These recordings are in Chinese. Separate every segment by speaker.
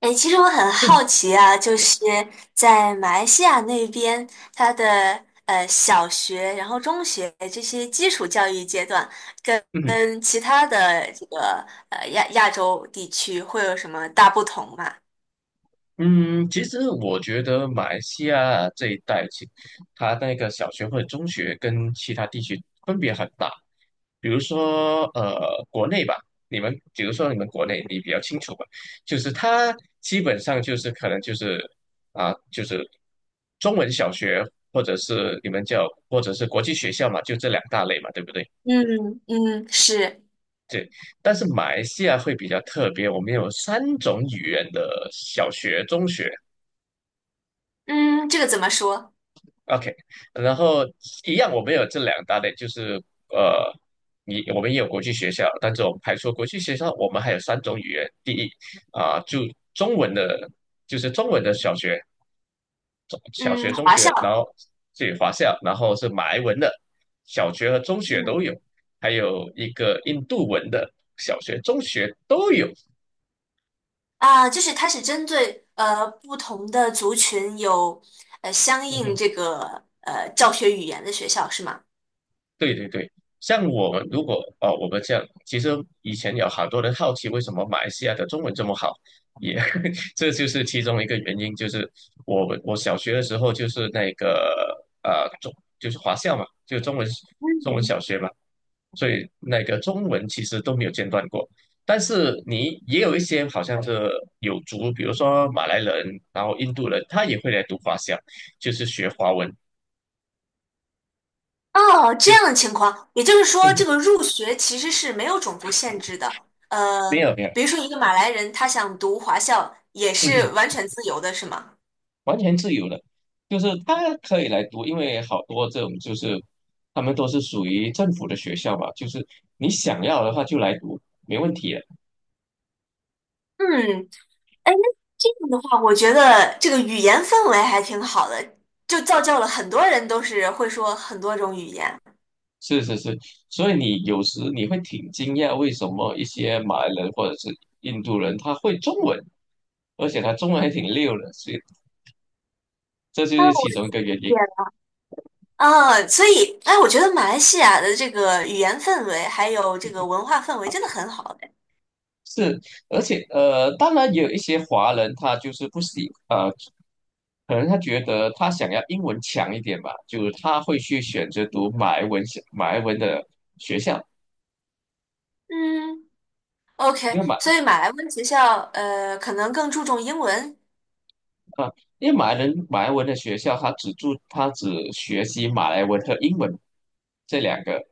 Speaker 1: 哎，其实我很好奇啊，就是在马来西亚那边，它的小学，然后中学这些基础教育阶段，跟 跟其他的这个呃亚亚洲地区会有什么大不同吗？
Speaker 2: 嗯，其实我觉得马来西亚这一带，其它那个小学或者中学跟其他地区分别很大。比如说，国内吧，你们比如说你们国内，你比较清楚吧，就是它基本上就是可能就是就是中文小学或者是国际学校嘛，就这两大类嘛，对不对？
Speaker 1: 嗯嗯，是，
Speaker 2: 对。但是马来西亚会比较特别，我们有三种语言的小学、中学。
Speaker 1: 嗯，这个怎么说？
Speaker 2: OK，然后一样，我们有这两大类，就是呃，我们也有国际学校，但是我们排除国际学校，我们还有三种语言。第一就中文的，就是中文的小学、中小
Speaker 1: 嗯，
Speaker 2: 学、中
Speaker 1: 华校，
Speaker 2: 学，然后这有华校，然后是马来文的小学和中学都
Speaker 1: 嗯
Speaker 2: 有，还有一个印度文的小学、中学都有。
Speaker 1: 就是它是针对不同的族群有相应这 个教学语言的学校是吗？
Speaker 2: 对对对，像我们如果哦，我们这样，其实以前有好多人好奇为什么马来西亚的中文这么好，也 这就是其中一个原因，就是我小学的时候就是那个就是华校嘛，就中文
Speaker 1: 嗯。
Speaker 2: 小学嘛，所以那个中文其实都没有间断过。但是你也有一些好像是有族，比如说马来人，然后印度人，他也会来读华校，就是学华文，
Speaker 1: 哦，这
Speaker 2: 就
Speaker 1: 样
Speaker 2: 是
Speaker 1: 的情况，也就是说，这个 入学其实是没有种族限制的。呃，
Speaker 2: 没有没有。
Speaker 1: 比如说一个马来人，他想读华校也是完 全自由的，是吗？
Speaker 2: 完全自由的，就是他可以来读，因为好多这种就是他们都是属于政府的学校嘛，就是你想要的话就来读，没问题的。
Speaker 1: 嗯，哎，那这样的话，我觉得这个语言氛围还挺好的，就造就了很多人都是会说很多种语言。
Speaker 2: 是是是，所以你有时你会挺惊讶，为什么一些马来人或者是印度人他会中文，而且他中文还挺溜的，所以这就
Speaker 1: 啊，
Speaker 2: 是
Speaker 1: 我
Speaker 2: 其中一个原
Speaker 1: 理解
Speaker 2: 因。
Speaker 1: 了。啊，所以，哎，我觉得马来西亚的这个语言氛围还有这个文化氛围真的很好。
Speaker 2: 是，而且当然也有一些华人他就是不喜啊。可能他觉得他想要英文强一点吧，就他会去选择读马来文的学校，
Speaker 1: 嗯，OK，
Speaker 2: 因为马
Speaker 1: 所以马来文学校，可能更注重英文。
Speaker 2: 啊，因为马来文的学校，他只学习马来文和英文这两个，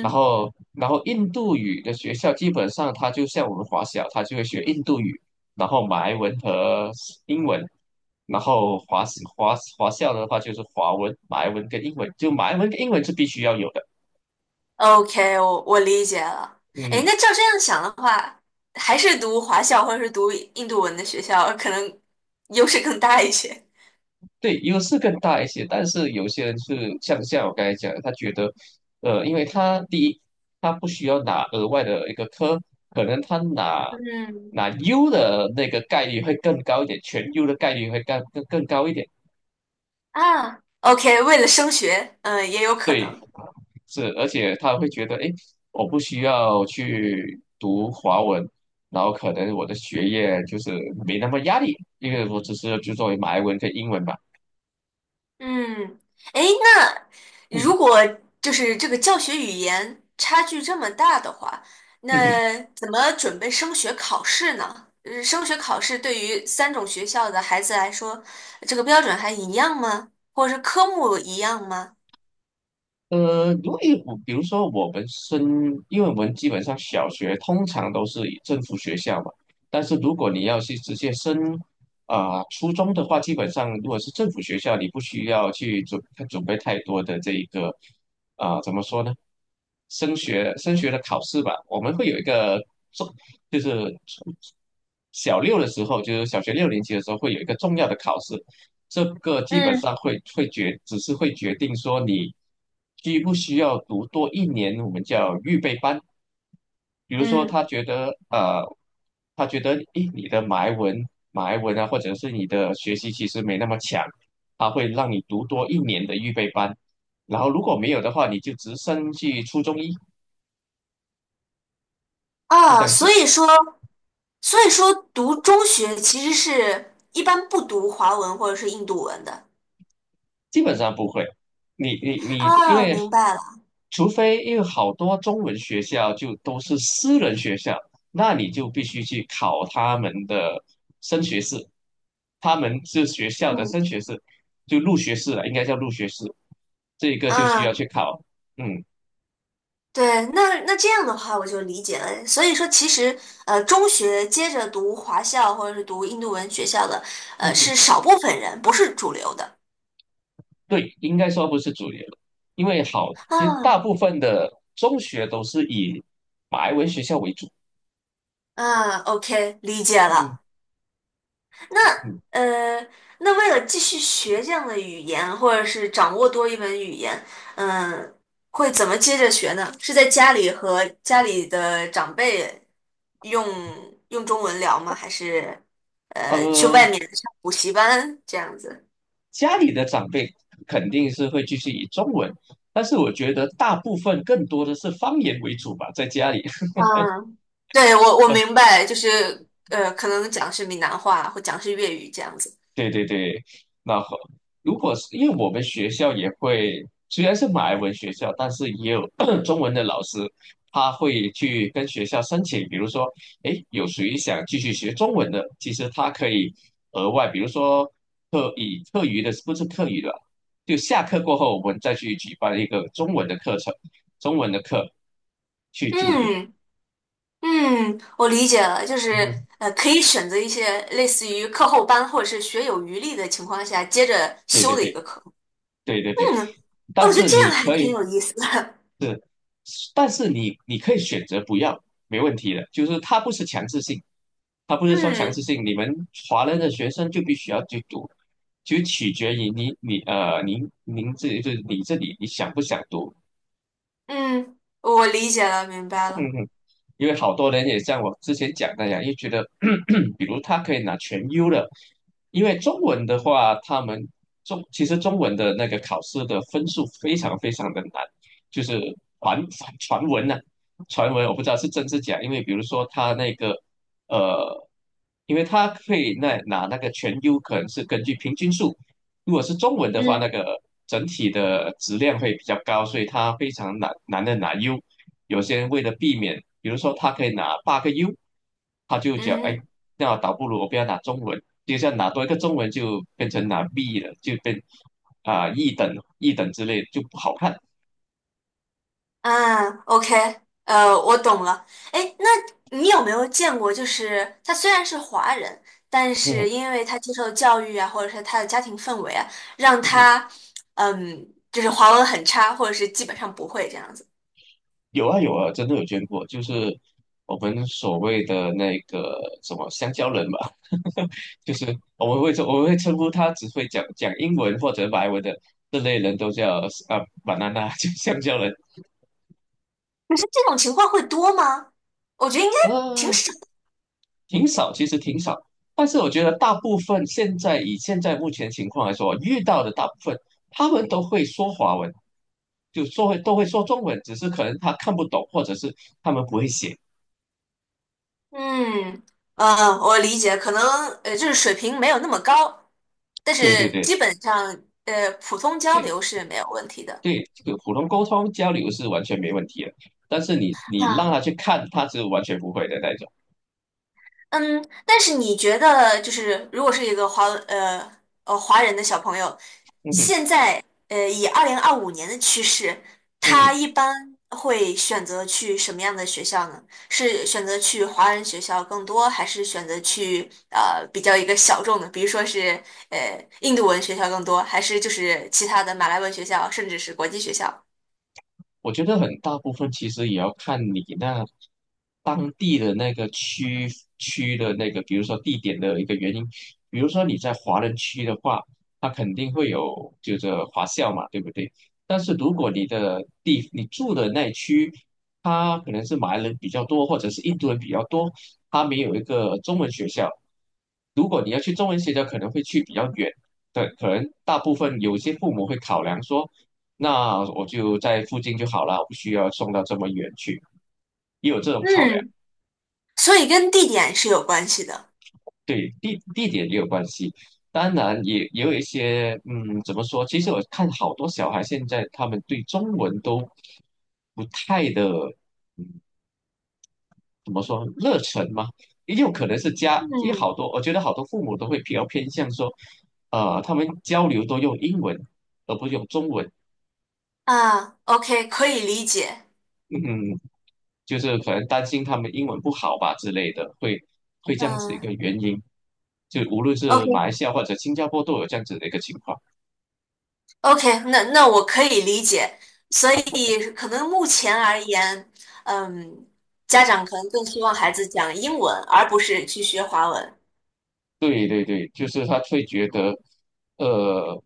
Speaker 2: 然后然后印度语的学校基本上他就像我们华小，他就会学印度语，然后马来文和英文，然后华校的话就是华文、马来文跟英文，就马来文跟英文是必须要有的，
Speaker 1: ，OK，我理解了。哎，
Speaker 2: 嗯。
Speaker 1: 那照这样想的话，还是读华校或者是读印度文的学校，可能 优势更大一些。
Speaker 2: 对，优势更大一些，但是有些人是像我刚才讲的，他觉得，因为他第一，他不需要拿额外的一个科，可能他拿
Speaker 1: 嗯
Speaker 2: 拿 U 的那个概率会更高一点，全优的概率会更高一点。
Speaker 1: 啊，OK，为了升学，嗯、也有可
Speaker 2: 对，
Speaker 1: 能。
Speaker 2: 是，而且他会觉得，哎，我不需要去读华文，然后可能我的学业就是没那么压力，因为我只是就作为马来文跟英文嘛。
Speaker 1: 嗯，哎。如 果就是这个教学语言差距这么大的话，那怎么准备升学考试呢？升学考试对于三种学校的孩子来说，这个标准还一样吗？或者是科目一样吗？
Speaker 2: 因为我比如说我们升，因为我们基本上小学通常都是以政府学校嘛，但是如果你要去直接升初中的话，基本上如果是政府学校，你不需要去准备太多的这一个怎么说呢？升学的考试吧，我们会有一个重，就是初小六的时候，就是小学六年级的时候会有一个重要的考试，这个基本
Speaker 1: 嗯
Speaker 2: 上会会决，只是会决定说你需不需要读多一年，我们叫预备班。比如说，
Speaker 1: 嗯
Speaker 2: 他觉得诶，你的埋文啊，或者是你的学习其实没那么强，他会让你读多一年的预备班。然后如果没有的话，你就直升去初中一，就这
Speaker 1: 啊，
Speaker 2: 样
Speaker 1: 所
Speaker 2: 子。
Speaker 1: 以说，所以说读中学其实是一般不读华文或者是印度文的。
Speaker 2: 基本上不会。你，
Speaker 1: 啊，明白了。
Speaker 2: 除非因为好多中文学校就都是私人学校，那你就必须去考他们的升学试，他们是学校的
Speaker 1: 嗯
Speaker 2: 升学试，就入学试了，应该叫入学试，这个就需要
Speaker 1: 嗯，
Speaker 2: 去考。嗯
Speaker 1: 对，那这样的话我就理解了。所以说，其实中学接着读华校或者是读印度文学校的，
Speaker 2: 嗯嗯，
Speaker 1: 是少部分人，不是主流的。
Speaker 2: 对，应该说不是主流，因为好，其实大
Speaker 1: 啊
Speaker 2: 部分的中学都是以白文学校为主。
Speaker 1: 啊，OK，理解
Speaker 2: 嗯
Speaker 1: 了。那
Speaker 2: 嗯。
Speaker 1: 呃，那为了继续学这样的语言，或者是掌握多一门语言，嗯、会怎么接着学呢？是在家里和家里的长辈用中文聊吗？还是去
Speaker 2: 呃，
Speaker 1: 外面上补习班这样子？
Speaker 2: 家里的长辈肯定是会继续以中文，但是我觉得大部分更多的是方言为主吧，在家里。
Speaker 1: 嗯，对，我明白，就是可能讲是闽南话或讲是粤语这样子。
Speaker 2: 对对对，那好，如果是因为我们学校也会，虽然是马来文学校，但是也有 中文的老师，他会去跟学校申请，比如说，诶，有谁想继续学中文的，其实他可以额外，比如说课余的，不是课余的，就下课过后，我们再去举办一个中文的课程，中文的课去就读。
Speaker 1: 嗯嗯，我理解了，就 是
Speaker 2: 嗯
Speaker 1: 可以选择一些类似于课后班或者是学有余力的情况下接着
Speaker 2: 对
Speaker 1: 修
Speaker 2: 对
Speaker 1: 的一
Speaker 2: 对
Speaker 1: 个课。
Speaker 2: 对对对，
Speaker 1: 嗯，哦，
Speaker 2: 但
Speaker 1: 我觉得
Speaker 2: 是
Speaker 1: 这样
Speaker 2: 你
Speaker 1: 还
Speaker 2: 可
Speaker 1: 挺
Speaker 2: 以。
Speaker 1: 有意思的。
Speaker 2: 是，但是你可以选择不要，没问题的。就是它不是强制性，它不 是说强制
Speaker 1: 嗯
Speaker 2: 性，你们华人的学生就必须要去读，就取决于你你呃您您自己就是你这里你想不想读。
Speaker 1: 嗯，我理解了，明白了。
Speaker 2: 嗯，因为好多人也像我之前讲那样，又觉得，比如他可以拿全优的，因为中文的话，他们中其实中文的那个考试的分数非常非常的难，就是传传传闻呐、传闻我不知道是真是假，因为比如说他那个呃，因为他可以拿那个全优，可能是根据平均数，如果是中文的话，那
Speaker 1: 嗯
Speaker 2: 个整体的质量会比较高，所以它非常难的拿 U。有些人为了避免，比如说他可以拿八个 U，他就
Speaker 1: 嗯
Speaker 2: 讲，哎，
Speaker 1: 哼。
Speaker 2: 那倒不如我不要拿中文，就像拿多一个中文就变成拿 B 了，就变啊、一等一等之类就不好看。
Speaker 1: 嗯，OK，我懂了。哎，那你有没有见过，就是他虽然是华人，但
Speaker 2: 嗯
Speaker 1: 是因为他接受的教育啊，或者是他的家庭氛围啊，让
Speaker 2: 嗯，嗯
Speaker 1: 他，嗯，就是华文很差，或者是基本上不会这样子。
Speaker 2: 有啊有啊，真的有捐过，就是我们所谓的那个什么香蕉人吧。就是我们会说，我们会称呼他只会讲英文或者马来文的这类人都叫banana，就香蕉人，
Speaker 1: 你说这种情况会多吗？我觉得应该挺
Speaker 2: 呃，
Speaker 1: 少。
Speaker 2: 挺少，其实挺少。但是我觉得大部分现在以现在目前情况来说，遇到的大部分他们都会说华文，就说会都会说中文，只是可能他看不懂，或者是他们不会写。
Speaker 1: 嗯，我理解，可能就是水平没有那么高，但
Speaker 2: 对对
Speaker 1: 是
Speaker 2: 对
Speaker 1: 基本上普通交
Speaker 2: 对
Speaker 1: 流是没有问题的。
Speaker 2: 对，这个普通沟通交流是完全没问题的，但是你让
Speaker 1: 那。
Speaker 2: 他去看，他是完全不会的那种。
Speaker 1: 嗯，但是你觉得，就是如果是一个华人的小朋友，
Speaker 2: 嗯哼
Speaker 1: 现在以2025年的趋势，
Speaker 2: 嗯
Speaker 1: 他
Speaker 2: 哼。
Speaker 1: 一般会选择去什么样的学校呢？是选择去华人学校更多，还是选择去比较一个小众的，比如说是印度文学校更多，还是就是其他的马来文学校，甚至是国际学校？
Speaker 2: 我觉得很大部分其实也要看你那当地的那个区的那个，比如说地点的一个原因。比如说你在华人区的话，它肯定会有就是华校嘛，对不对？但是如果你住的那区，它可能是马来人比较多，或者是印度人比较多，它没有一个中文学校。如果你要去中文学校，可能会去比较远。对，可能大部分有些父母会考量说。那我就在附近就好了，我不需要送到这么远去，也有这种考量，
Speaker 1: 嗯，所以跟地点是有关系的。
Speaker 2: 对，地点也有关系。当然也有一些，怎么说？其实我看好多小孩现在他们对中文都不太的，嗯，怎么说热忱嘛？也有可能是家，也
Speaker 1: 嗯
Speaker 2: 好多，我觉得好多父母都会比较偏向说，他们交流都用英文，而不用中文。
Speaker 1: 啊，OK，可以理解。
Speaker 2: 嗯，就是可能担心他们英文不好吧之类的，会这样子一个
Speaker 1: 嗯。
Speaker 2: 原因。就无论是马
Speaker 1: OK
Speaker 2: 来西亚或者新加坡都有这样子的一个情况。
Speaker 1: OK，那那我可以理解，所以可能目前而言，嗯，家长可能更希望孩子讲英文，而不是去学华文。
Speaker 2: 对对对，就是他会觉得，呃，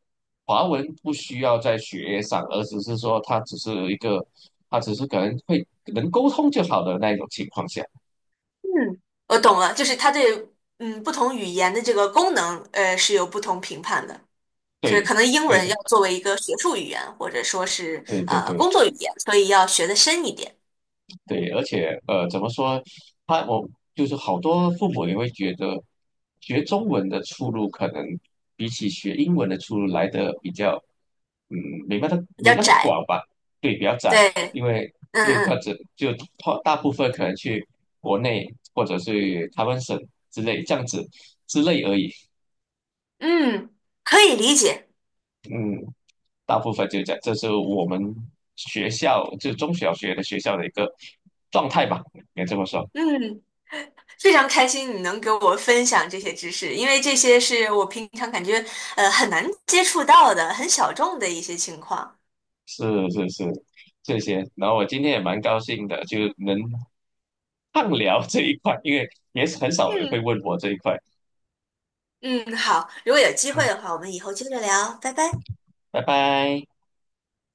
Speaker 2: 华文不需要在学业上，而只是说他只是一个，他只是可能能沟通就好的那一种情况下。
Speaker 1: 嗯，我懂了，就是他对嗯不同语言的这个功能，是有不同评判的，所以
Speaker 2: 对，
Speaker 1: 可能英
Speaker 2: 对
Speaker 1: 文
Speaker 2: 的，
Speaker 1: 要作为一个学术语言，或者说是
Speaker 2: 对对
Speaker 1: 工
Speaker 2: 对。
Speaker 1: 作语言，所以要学的深一点，
Speaker 2: 对，而且怎么说？他我就是好多父母也会觉得，学中文的出路可能比起学英文的出路来的比较，嗯，没那么
Speaker 1: 比
Speaker 2: 没
Speaker 1: 较
Speaker 2: 那么
Speaker 1: 窄。
Speaker 2: 广吧？对，比较窄，
Speaker 1: 对，
Speaker 2: 因为
Speaker 1: 嗯
Speaker 2: 因为他
Speaker 1: 嗯
Speaker 2: 只就他大部分可能去国内或者是台湾省之类这样子之类而已。
Speaker 1: 嗯，可以理解。
Speaker 2: 嗯，大部分就这样，这是我们学校就中小学的学校的一个状态吧，应该这么说。
Speaker 1: 嗯。非常开心你能给我分享这些知识，因为这些是我平常感觉很难接触到的、很小众的一些情况。
Speaker 2: 是是是，这些。然后我今天也蛮高兴的，就能畅聊这一块，因为也是很少人会
Speaker 1: 嗯
Speaker 2: 问我这一块。
Speaker 1: 嗯，好，如果有机
Speaker 2: 嗯，
Speaker 1: 会的话，我们以后接着聊，拜拜。
Speaker 2: 拜拜。